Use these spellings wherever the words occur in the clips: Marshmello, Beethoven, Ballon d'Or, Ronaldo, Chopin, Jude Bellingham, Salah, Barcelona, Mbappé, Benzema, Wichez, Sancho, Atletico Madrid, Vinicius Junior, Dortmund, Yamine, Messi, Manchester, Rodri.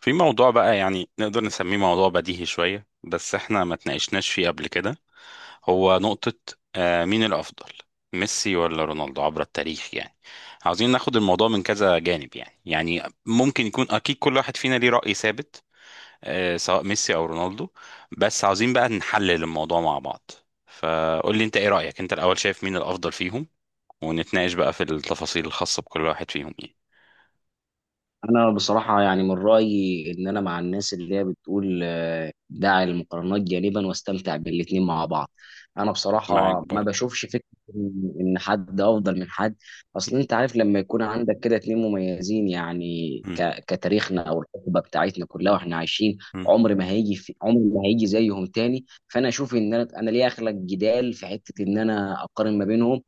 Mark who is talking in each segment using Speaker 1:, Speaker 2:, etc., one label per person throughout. Speaker 1: في موضوع بقى يعني نقدر نسميه موضوع بديهي شوية، بس احنا ما تناقشناش فيه قبل كده. هو نقطة: مين الأفضل، ميسي ولا رونالدو عبر التاريخ يعني؟ عاوزين ناخد الموضوع من كذا جانب، يعني ممكن يكون أكيد كل واحد فينا ليه رأي ثابت، سواء ميسي أو رونالدو. بس عاوزين بقى نحلل الموضوع مع بعض. فقول لي انت ايه رأيك انت الأول، شايف مين الأفضل فيهم، ونتناقش بقى في التفاصيل الخاصة بكل واحد فيهم يعني.
Speaker 2: انا بصراحه، يعني من رايي ان انا مع الناس اللي هي بتقول، دع المقارنات جانبا واستمتع بالاتنين مع بعض. انا
Speaker 1: معاك
Speaker 2: بصراحه ما
Speaker 1: برضو.
Speaker 2: بشوفش فكره إن حد افضل من حد. اصل انت عارف لما يكون عندك كده اتنين مميزين، يعني كتاريخنا او الحقبه بتاعتنا كلها واحنا عايشين. عمر ما هيجي زيهم تاني. فانا اشوف، ان أنا ليه اخلق جدال في حته ان انا اقارن ما بينهم؟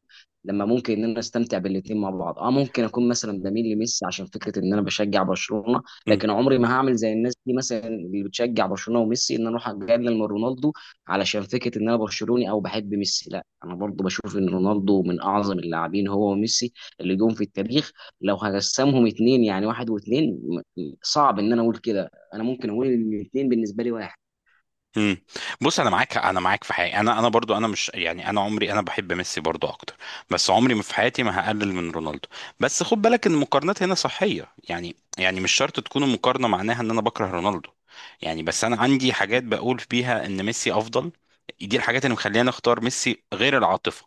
Speaker 2: لما ممكن ان انا استمتع بالاثنين مع بعض. اه ممكن اكون مثلا بميل لميسي عشان فكره ان انا بشجع برشلونه. لكن عمري ما هعمل زي الناس دي مثلا اللي بتشجع برشلونه وميسي، ان انا اروح اقلل من رونالدو علشان فكره ان انا برشلوني او بحب ميسي. لا، انا برضو بشوف ان رونالدو من اعظم اللاعبين هو وميسي اللي جم في التاريخ. لو هقسمهم اتنين، يعني واحد واتنين، صعب ان انا اقول كده. انا ممكن اقول ان الاتنين بالنسبه لي
Speaker 1: امم بص، انا معاك في حاجه، انا برضو انا مش يعني، انا عمري انا بحب ميسي برضو اكتر، بس عمري ما في حياتي ما هقلل من رونالدو. بس خد بالك ان المقارنات هنا صحيه، يعني مش شرط تكون المقارنه معناها ان انا بكره رونالدو. يعني بس انا عندي حاجات بقول فيها ان ميسي افضل، دي الحاجات اللي مخليني اختار ميسي غير العاطفه.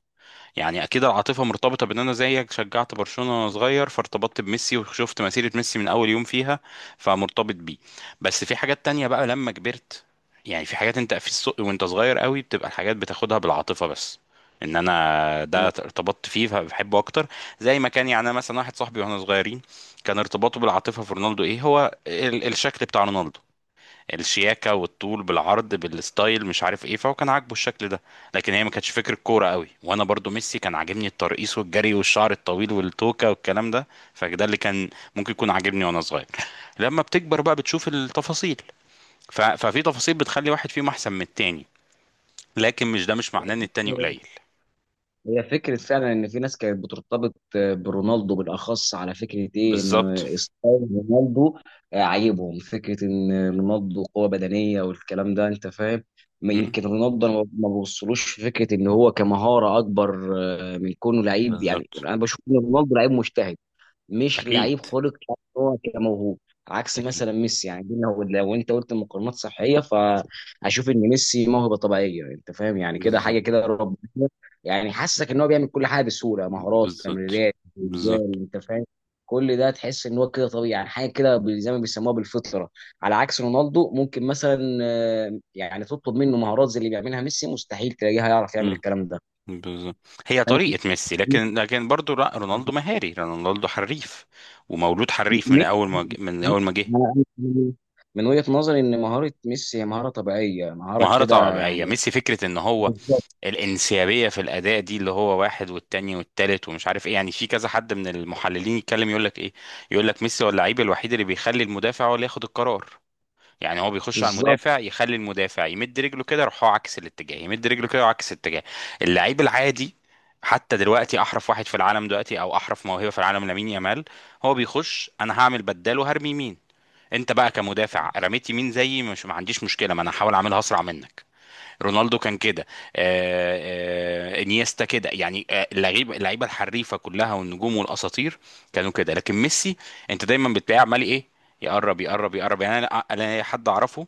Speaker 1: يعني اكيد العاطفه مرتبطه بان انا زيك شجعت برشلونه وانا صغير، فارتبطت بميسي وشفت مسيره ميسي من اول يوم فيها، فمرتبط بيه. بس في حاجات تانية بقى لما كبرت. يعني في حاجات انت في السوق وانت صغير قوي بتبقى الحاجات بتاخدها بالعاطفه بس، ان انا ده
Speaker 2: واحد.
Speaker 1: ارتبطت فيه فبحبه اكتر. زي ما كان يعني، انا مثلا واحد صاحبي واحنا صغيرين كان ارتباطه بالعاطفه في رونالدو ايه؟ هو الشكل بتاع رونالدو، الشياكه والطول بالعرض بالستايل مش عارف ايه، فهو كان عاجبه الشكل ده. لكن هي ما كانتش فكره كوره قوي. وانا برضو ميسي كان عاجبني الترقيص والجري والشعر الطويل والتوكه والكلام ده، فده اللي كان ممكن يكون عاجبني وانا صغير. لما بتكبر بقى بتشوف التفاصيل. ففي تفاصيل بتخلي واحد فيهم احسن من التاني، لكن مش ده مش معناه ان التاني قليل.
Speaker 2: هي فكرة فعلا إن في ناس كانت بترتبط برونالدو، بالأخص على فكرة إيه،
Speaker 1: بالظبط.
Speaker 2: إن ستايل رونالدو عاجبهم، فكرة إن رونالدو قوة بدنية والكلام ده أنت فاهم. ما
Speaker 1: مم.
Speaker 2: يمكن رونالدو أنا ما بوصلوش فكرة إن هو كمهارة أكبر، من كونه لعيب. يعني
Speaker 1: بالظبط.
Speaker 2: أنا بشوف إن رونالدو لعيب مجتهد، مش
Speaker 1: اكيد،
Speaker 2: لعيب خلق إن هو كموهوب. عكس
Speaker 1: اكيد.
Speaker 2: مثلا ميسي، يعني دي لو انت قلت مقارنات صحيه، فاشوف ان ميسي موهبه طبيعيه انت فاهم، يعني كده
Speaker 1: بالظبط.
Speaker 2: حاجه كده ربنا يعني حاسسك ان هو بيعمل كل حاجه بسهوله: مهارات،
Speaker 1: بالظبط.
Speaker 2: تمريرات،
Speaker 1: بالظبط.
Speaker 2: اجوال انت فاهم. كل ده تحس ان هو كده طبيعي، يعني حاجه كده زي ما بيسموها بالفطره. على عكس رونالدو، ممكن مثلا يعني تطلب منه مهارات زي اللي بيعملها ميسي، مستحيل تلاقيها يعرف يعمل الكلام ده.
Speaker 1: بالظبط. هي طريقة ميسي. لكن برضه لا،
Speaker 2: أنا
Speaker 1: رونالدو مهاري، رونالدو حريف ومولود حريف
Speaker 2: ميسي.
Speaker 1: من أول ما جه.
Speaker 2: أنا- أنا- من وجهة نظري، ان مهارة ميسي هي مهارة طبيعية، مهارة
Speaker 1: مهارة
Speaker 2: كده
Speaker 1: طبيعية
Speaker 2: يعني.
Speaker 1: ميسي، فكرة إن هو
Speaker 2: بالظبط.
Speaker 1: الانسيابية في الأداء، دي اللي هو واحد والتاني والتالت ومش عارف إيه. يعني في كذا حد من المحللين يتكلم يقول لك إيه، يقول لك ميسي هو اللعيب الوحيد اللي بيخلي المدافع هو اللي ياخد القرار. يعني هو بيخش على
Speaker 2: بالظبط.
Speaker 1: المدافع، يخلي المدافع يمد رجله كده يروح هو عكس الاتجاه، يمد رجله كده وعكس الاتجاه. اللعيب العادي، حتى دلوقتي احرف واحد في العالم دلوقتي، او احرف موهبه في العالم، لامين يامال، هو بيخش انا هعمل بدال وهرمي يمين. انت بقى كمدافع رميت يمين زيي، مش ما عنديش مشكله، ما انا هحاول اعملها اسرع منك. رونالدو كان كده، انيستا كده يعني، اللعيبه الحريفه كلها والنجوم والاساطير كانوا كده، لكن ميسي انت دايما بتلاقيه عمال ايه، يقرب يقرب يقرب. يعني انا حد اعرفه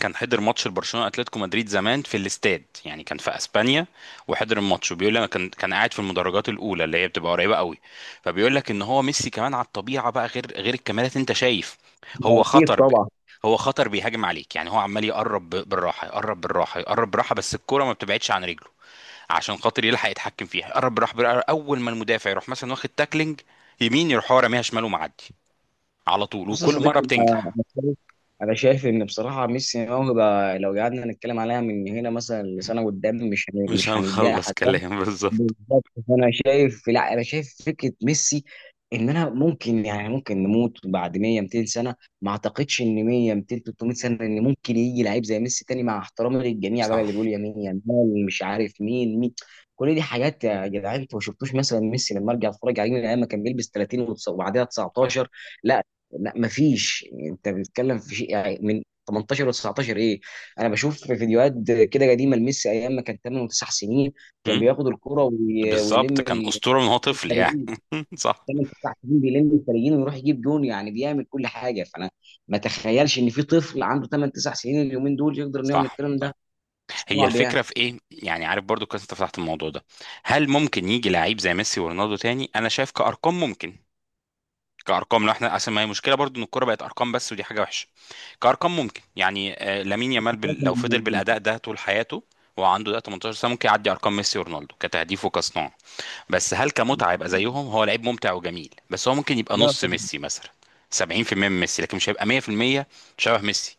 Speaker 1: كان حضر ماتش لبرشلونه اتلتيكو مدريد زمان في الاستاد، يعني كان في اسبانيا وحضر الماتش، وبيقول لي انا كان قاعد في المدرجات الاولى اللي هي بتبقى قريبه قوي، فبيقول لك ان هو ميسي كمان على الطبيعه بقى غير الكاميرات انت شايف. هو
Speaker 2: اكيد.
Speaker 1: خطر ب...
Speaker 2: طبعا.
Speaker 1: هو خطر بيهاجم عليك، يعني هو عمال يقرب بالراحه، يقرب بالراحه، يقرب بالراحه، بس الكوره ما بتبعدش عن رجله عشان خاطر يلحق يتحكم فيها، يقرب بالراحه بالراحة. اول ما المدافع يروح مثلا واخد تاكلينج يمين، يروح هو راميها شمال ومعدي على طول،
Speaker 2: بص يا
Speaker 1: وكل مره
Speaker 2: صديقي، انا
Speaker 1: بتنجح.
Speaker 2: أنا شايف أنا شايف ان بصراحة ميسي موهبة. لو قعدنا نتكلم عليها من هنا مثلا لسنة قدام،
Speaker 1: مش
Speaker 2: مش هنديها
Speaker 1: هنخلص
Speaker 2: حد.
Speaker 1: كلام. بالظبط.
Speaker 2: بالظبط. فانا شايف، لا، انا شايف فكره ميسي، ان انا ممكن نموت بعد 100 200 سنه. ما اعتقدش ان 100 200 300 سنه ان ممكن يجي لعيب زي ميسي تاني، مع احترامي للجميع بقى اللي
Speaker 1: صح،
Speaker 2: بيقول يمين يمين مش عارف مين مين. كل دي حاجات يا جدعان، انتوا ما شفتوش مثلا ميسي لما ارجع اتفرج عليه من ايام ما كان بيلبس 30 وبعدها
Speaker 1: صح.
Speaker 2: 19. لا، لا، ما فيش. انت بتتكلم في شيء يعني من 18 و19 ايه؟ انا بشوف في فيديوهات كده قديمه لميسي، ايام ما كان 8 و9 سنين، كان
Speaker 1: مم.
Speaker 2: بياخد الكرة ويلم
Speaker 1: بالظبط، كان أسطورة من هو طفل يعني.
Speaker 2: الخارجين.
Speaker 1: صح،
Speaker 2: كان الدفاع الحكيمي بيلم الخارجين ويروح يجيب جون، يعني بيعمل كل حاجه. فانا ما اتخيلش ان في طفل عنده 8 9 سنين اليومين دول يقدر انه يعمل
Speaker 1: صح،
Speaker 2: الكلام ده.
Speaker 1: صح. هي
Speaker 2: صعب يعني.
Speaker 1: الفكرة في إيه؟ يعني عارف، برضو كويس أنت فتحت الموضوع ده. هل ممكن يجي لعيب زي ميسي ورونالدو تاني؟ أنا شايف كأرقام ممكن. كأرقام لو احنا، أصل ما هي مشكلة برضو إن الكورة بقت أرقام بس، ودي حاجة وحشة. كأرقام ممكن يعني، لامين يامال لو فضل بالأداء ده طول حياته وعنده ده 18 سنة، ممكن يعدي أرقام ميسي ورونالدو كتهديف وكصناعة. بس هل كمتعة يبقى زيهم؟ هو لعيب ممتع وجميل، بس هو ممكن يبقى
Speaker 2: لا،
Speaker 1: نص ميسي مثلا، 70% من ميسي، لكن مش هيبقى 100% شبه ميسي.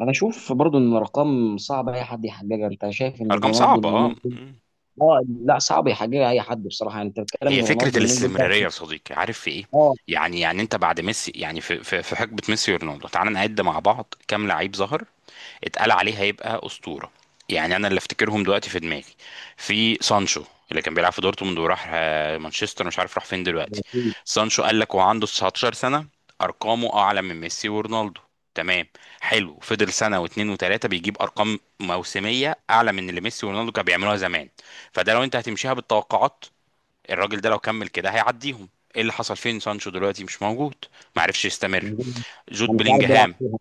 Speaker 2: انا اشوف برضو ان الارقام صعب اي حد يحققها. انت شايف ان
Speaker 1: ارقام
Speaker 2: رونالدو
Speaker 1: صعبة. اه.
Speaker 2: اليومين دول
Speaker 1: مم.
Speaker 2: اه لا، صعب يحققها اي حد بصراحه. انت بتتكلم
Speaker 1: هي
Speaker 2: ان
Speaker 1: فكرة
Speaker 2: رونالدو اليومين دول ده
Speaker 1: الاستمرارية يا صديقي، عارف في ايه؟
Speaker 2: اه
Speaker 1: يعني انت بعد ميسي، يعني في حقبة ميسي ورونالدو، تعال نعد مع بعض كام لعيب ظهر اتقال عليه هيبقى اسطوره. يعني انا اللي افتكرهم دلوقتي في دماغي: في سانشو اللي كان بيلعب في دورتموند وراح مانشستر، مش عارف راح فين دلوقتي.
Speaker 2: مفيش.
Speaker 1: سانشو قال لك، وعنده 19 سنه ارقامه اعلى من ميسي ورونالدو، تمام؟ حلو، فضل سنه واتنين وتلاته بيجيب ارقام موسميه اعلى من اللي ميسي ورونالدو كانوا بيعملوها زمان، فده لو انت هتمشيها بالتوقعات، الراجل ده لو كمل كده هيعديهم. ايه اللي حصل؟ فين سانشو دلوقتي؟ مش موجود، ما عرفش يستمر.
Speaker 2: انا
Speaker 1: جود
Speaker 2: مش عارف بيلعب
Speaker 1: بلينجهام،
Speaker 2: فيها.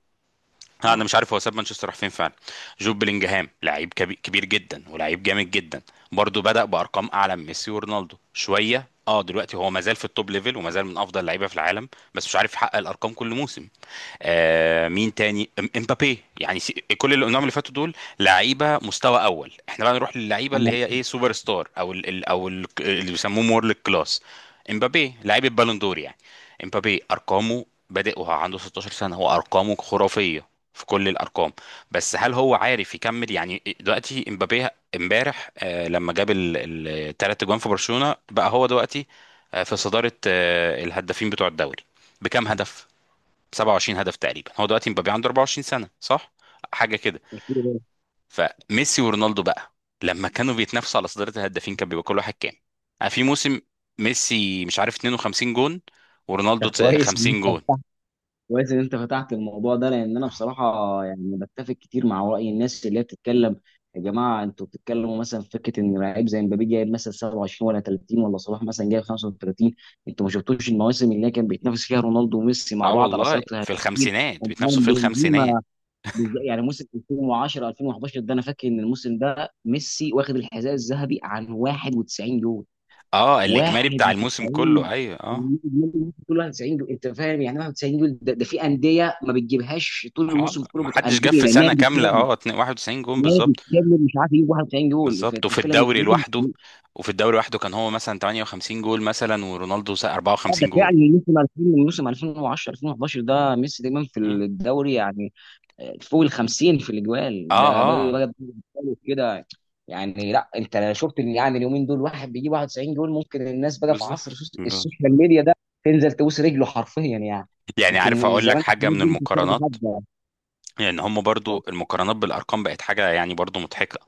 Speaker 1: انا
Speaker 2: اه،
Speaker 1: مش عارف هو ساب مانشستر راح فين فعلا. جوب بلينجهام لعيب كبير جدا ولاعيب جامد جدا، برضه بدأ بأرقام أعلى من ميسي ورونالدو شوية. اه دلوقتي هو مازال في التوب ليفل، ومازال من أفضل لعيبة في العالم، بس مش عارف يحقق الأرقام كل موسم. مين تاني؟ امبابي يعني، كل النعم اللي فاتوا دول لعيبه مستوى اول. احنا بقى نروح للعيبه اللي
Speaker 2: انا
Speaker 1: هي ايه، سوبر ستار، او ال او ال اللي بيسموهم وورلد كلاس. امبابي لعيب البالون دور يعني. امبابي ارقامه بادئ وهو عنده 16 سنه، هو ارقامه خرافيه في كل الارقام، بس هل هو عارف يكمل؟ يعني دلوقتي امبابي امبارح لما جاب الثلاث اجوان في برشلونه بقى، هو دلوقتي في صداره الهدافين بتوع الدوري بكام هدف؟ 27 هدف تقريبا. هو دلوقتي مبابي عنده 24 سنة، صح؟ حاجة كده.
Speaker 2: مش كده.
Speaker 1: فميسي ورونالدو بقى لما كانوا بيتنافسوا على صدارة الهدافين كان بيبقى كل واحد كام في موسم؟ ميسي مش عارف 52 جون، ورونالدو
Speaker 2: طب كويس ان
Speaker 1: 50
Speaker 2: انت
Speaker 1: جون.
Speaker 2: كويس ان انت فتحت الموضوع ده، لان انا بصراحه يعني بتفق كتير مع راي الناس اللي هي بتتكلم. يا جماعه، انتوا بتتكلموا مثلا في فكره ان لعيب زي مبابي جايب مثلا 27 ولا 30 ولا صلاح مثلا جايب 35. انتوا ما شفتوش المواسم اللي هي كان بيتنافس فيها رونالدو وميسي مع
Speaker 1: اه
Speaker 2: بعض على
Speaker 1: والله،
Speaker 2: سيطره
Speaker 1: في
Speaker 2: الهجوم
Speaker 1: الخمسينات بيتنافسوا،
Speaker 2: ومعاهم
Speaker 1: في الخمسينات.
Speaker 2: بنزيما. يعني موسم 2010 2011، ده انا فاكر ان الموسم ده ميسي واخد الحذاء الذهبي عن 91 يورو.
Speaker 1: اه، الاجمالي بتاع الموسم
Speaker 2: 91
Speaker 1: كله، ايوه، اه.
Speaker 2: 91 جول انت فاهم، يعني 91 جول ده, ده في انديه ما بتجيبهاش طول
Speaker 1: اه،
Speaker 2: الموسم، في كل
Speaker 1: ما
Speaker 2: بطوله
Speaker 1: حدش جاب
Speaker 2: انديه
Speaker 1: في سنه
Speaker 2: نادي
Speaker 1: كامله،
Speaker 2: كامل.
Speaker 1: اه، 91 جون
Speaker 2: نادي
Speaker 1: بالظبط.
Speaker 2: كامل مش عارف يجيب 91 جول،
Speaker 1: بالظبط.
Speaker 2: فانت
Speaker 1: وفي
Speaker 2: بتتكلم إن
Speaker 1: الدوري لوحده، وفي الدوري لوحده كان هو مثلا 58 جول مثلا، ورونالدو
Speaker 2: لا، ده
Speaker 1: 54
Speaker 2: فعلا
Speaker 1: جول.
Speaker 2: من موسم 2010 2011 ده ميسي دايما في الدوري، يعني فوق ال 50 في الاجوال
Speaker 1: اه.
Speaker 2: ده بقى
Speaker 1: اه.
Speaker 2: بقى كده يعني. لا، انت لو شفت إن يعني اليومين دول واحد بيجيب 91 جول، ممكن الناس بقى في عصر
Speaker 1: بالظبط.
Speaker 2: السوشيال
Speaker 1: بالظبط.
Speaker 2: ميديا ده تنزل تبوس رجله حرفيا يعني.
Speaker 1: يعني عارف
Speaker 2: يمكن
Speaker 1: اقول لك
Speaker 2: زمان الحاجات
Speaker 1: حاجه من
Speaker 2: دي مش بتاخد
Speaker 1: المقارنات،
Speaker 2: حد يعني.
Speaker 1: لان هم برضو المقارنات بالارقام بقت حاجه يعني برضو مضحكه.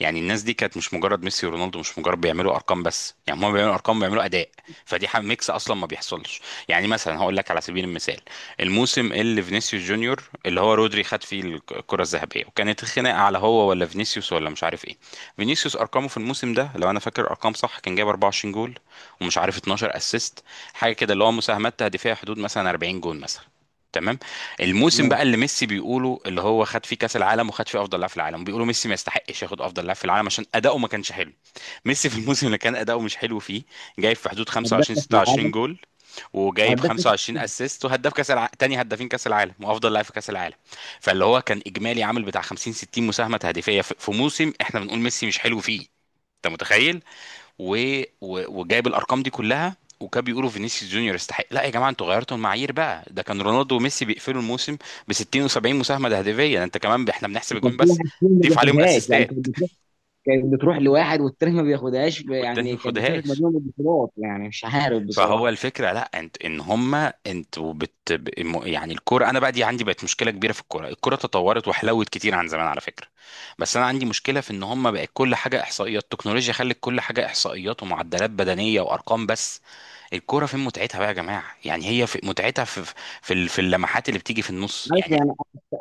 Speaker 1: يعني الناس دي كانت مش مجرد ميسي ورونالدو مش مجرد بيعملوا ارقام بس، يعني هم بيعملوا ارقام، بيعملوا اداء، فدي حاجه ميكس اصلا ما بيحصلش. يعني مثلا هقول لك على سبيل المثال، الموسم اللي فينيسيوس جونيور، اللي هو رودري خد فيه الكره الذهبيه، وكانت الخناقه على هو ولا فينيسيوس ولا مش عارف ايه. فينيسيوس ارقامه في الموسم ده، لو انا فاكر ارقام صح، كان جايب 24 جول ومش عارف 12 اسيست، حاجه كده، اللي هو مساهمات تهديفيه حدود مثلا 40 جول مثلا، تمام. الموسم بقى اللي ميسي بيقولوا اللي هو خد فيه كاس العالم وخد فيه افضل لاعب في العالم، بيقولوا ميسي ما يستحقش ياخد افضل لاعب في العالم عشان اداؤه ما كانش حلو. ميسي في الموسم اللي كان اداؤه مش حلو فيه جايب في حدود
Speaker 2: هداف
Speaker 1: 25
Speaker 2: في
Speaker 1: 26
Speaker 2: العالم
Speaker 1: جول، وجايب
Speaker 2: وهداف
Speaker 1: 25 اسيست، وهداف تاني هدافين كاس العالم، وافضل لاعب في كاس العالم. فاللي هو كان اجمالي عامل بتاع 50 60 مساهمه تهديفيه في موسم احنا بنقول ميسي مش حلو فيه، انت متخيل؟ و... وجايب الارقام دي كلها، وكان بيقولوا فينيسيوس جونيور يستحق. لا يا جماعه، انتوا غيرتوا المعايير بقى، ده كان رونالدو وميسي بيقفلوا الموسم ب 60 و70 مساهمه تهديفيه، ده انت كمان احنا بنحسب
Speaker 2: كان
Speaker 1: الجون
Speaker 2: في
Speaker 1: بس،
Speaker 2: واحد فيهم ما
Speaker 1: ضيف عليهم
Speaker 2: بياخدهاش، يعني كانت
Speaker 1: اسيستات،
Speaker 2: بتروح كانت بتروح لواحد والتاني ما بياخدهاش،
Speaker 1: والتاني ما
Speaker 2: يعني كانت بتفرق ما
Speaker 1: ياخدهاش.
Speaker 2: بينهم البطولات يعني مش عارف
Speaker 1: فهو
Speaker 2: بصراحه.
Speaker 1: الفكره، لا انت، ان هما انتوا يعني الكوره، انا بقى دي عندي بقت مشكله كبيره في الكوره. الكوره تطورت وحلوت كتير عن زمان على فكره، بس انا عندي مشكله في ان هما بقت كل حاجه احصائيات، التكنولوجيا خلت كل حاجه احصائيات ومعدلات بدنيه وارقام بس. الكوره فين متعتها بقى يا جماعه؟ يعني هي في متعتها في في اللمحات اللي بتيجي في النص
Speaker 2: عارف
Speaker 1: يعني.
Speaker 2: يعني،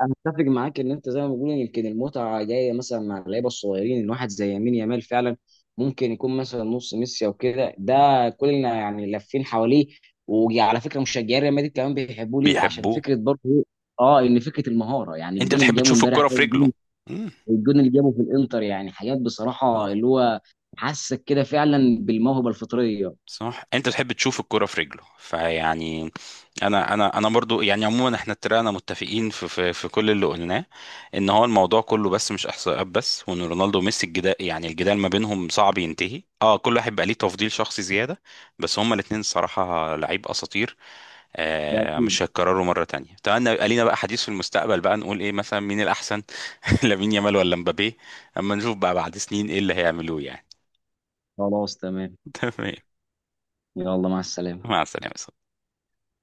Speaker 2: انا اتفق معاك ان انت زي ما بقول يمكن المتعه جايه مثلا مع اللعيبه الصغيرين، ان واحد زي يمين يامال فعلا ممكن يكون مثلا نص ميسي او كده، ده كلنا يعني لافين حواليه. وعلى فكره مشجعين ريال مدريد كمان بيحبوه ليه؟ عشان
Speaker 1: بيحبوه.
Speaker 2: فكره برضه إيه؟ اه، ان فكره المهاره، يعني
Speaker 1: انت
Speaker 2: الجون اللي
Speaker 1: بتحب
Speaker 2: جابه
Speaker 1: تشوف
Speaker 2: امبارح ده،
Speaker 1: الكوره في رجله.
Speaker 2: والجون
Speaker 1: مم.
Speaker 2: والجون اللي جابه في الانتر، يعني حاجات بصراحه اللي هو حاسك كده فعلا بالموهبه الفطريه.
Speaker 1: صح، انت تحب تشوف الكرة في رجله فيعني. انا برضو يعني، عموما احنا اتفقنا متفقين في كل اللي قلناه، ان هو الموضوع كله بس مش احصائيات بس، وان رونالدو وميسي الجدال، يعني الجدال ما بينهم صعب ينتهي، كل واحد بقى ليه تفضيل شخصي زيادة، بس هما الاتنين الصراحة لعيب اساطير،
Speaker 2: ده اكيد.
Speaker 1: مش هيتكرروا مرة تانية. اتمنى يبقى لينا بقى حديث في المستقبل بقى نقول ايه مثلا مين الأحسن، لامين يامال ولا مبابي، اما نشوف بقى بعد سنين ايه اللي هيعملوه يعني.
Speaker 2: خلاص. تمام.
Speaker 1: تمام.
Speaker 2: يلا، مع السلامه.
Speaker 1: مع السلامة.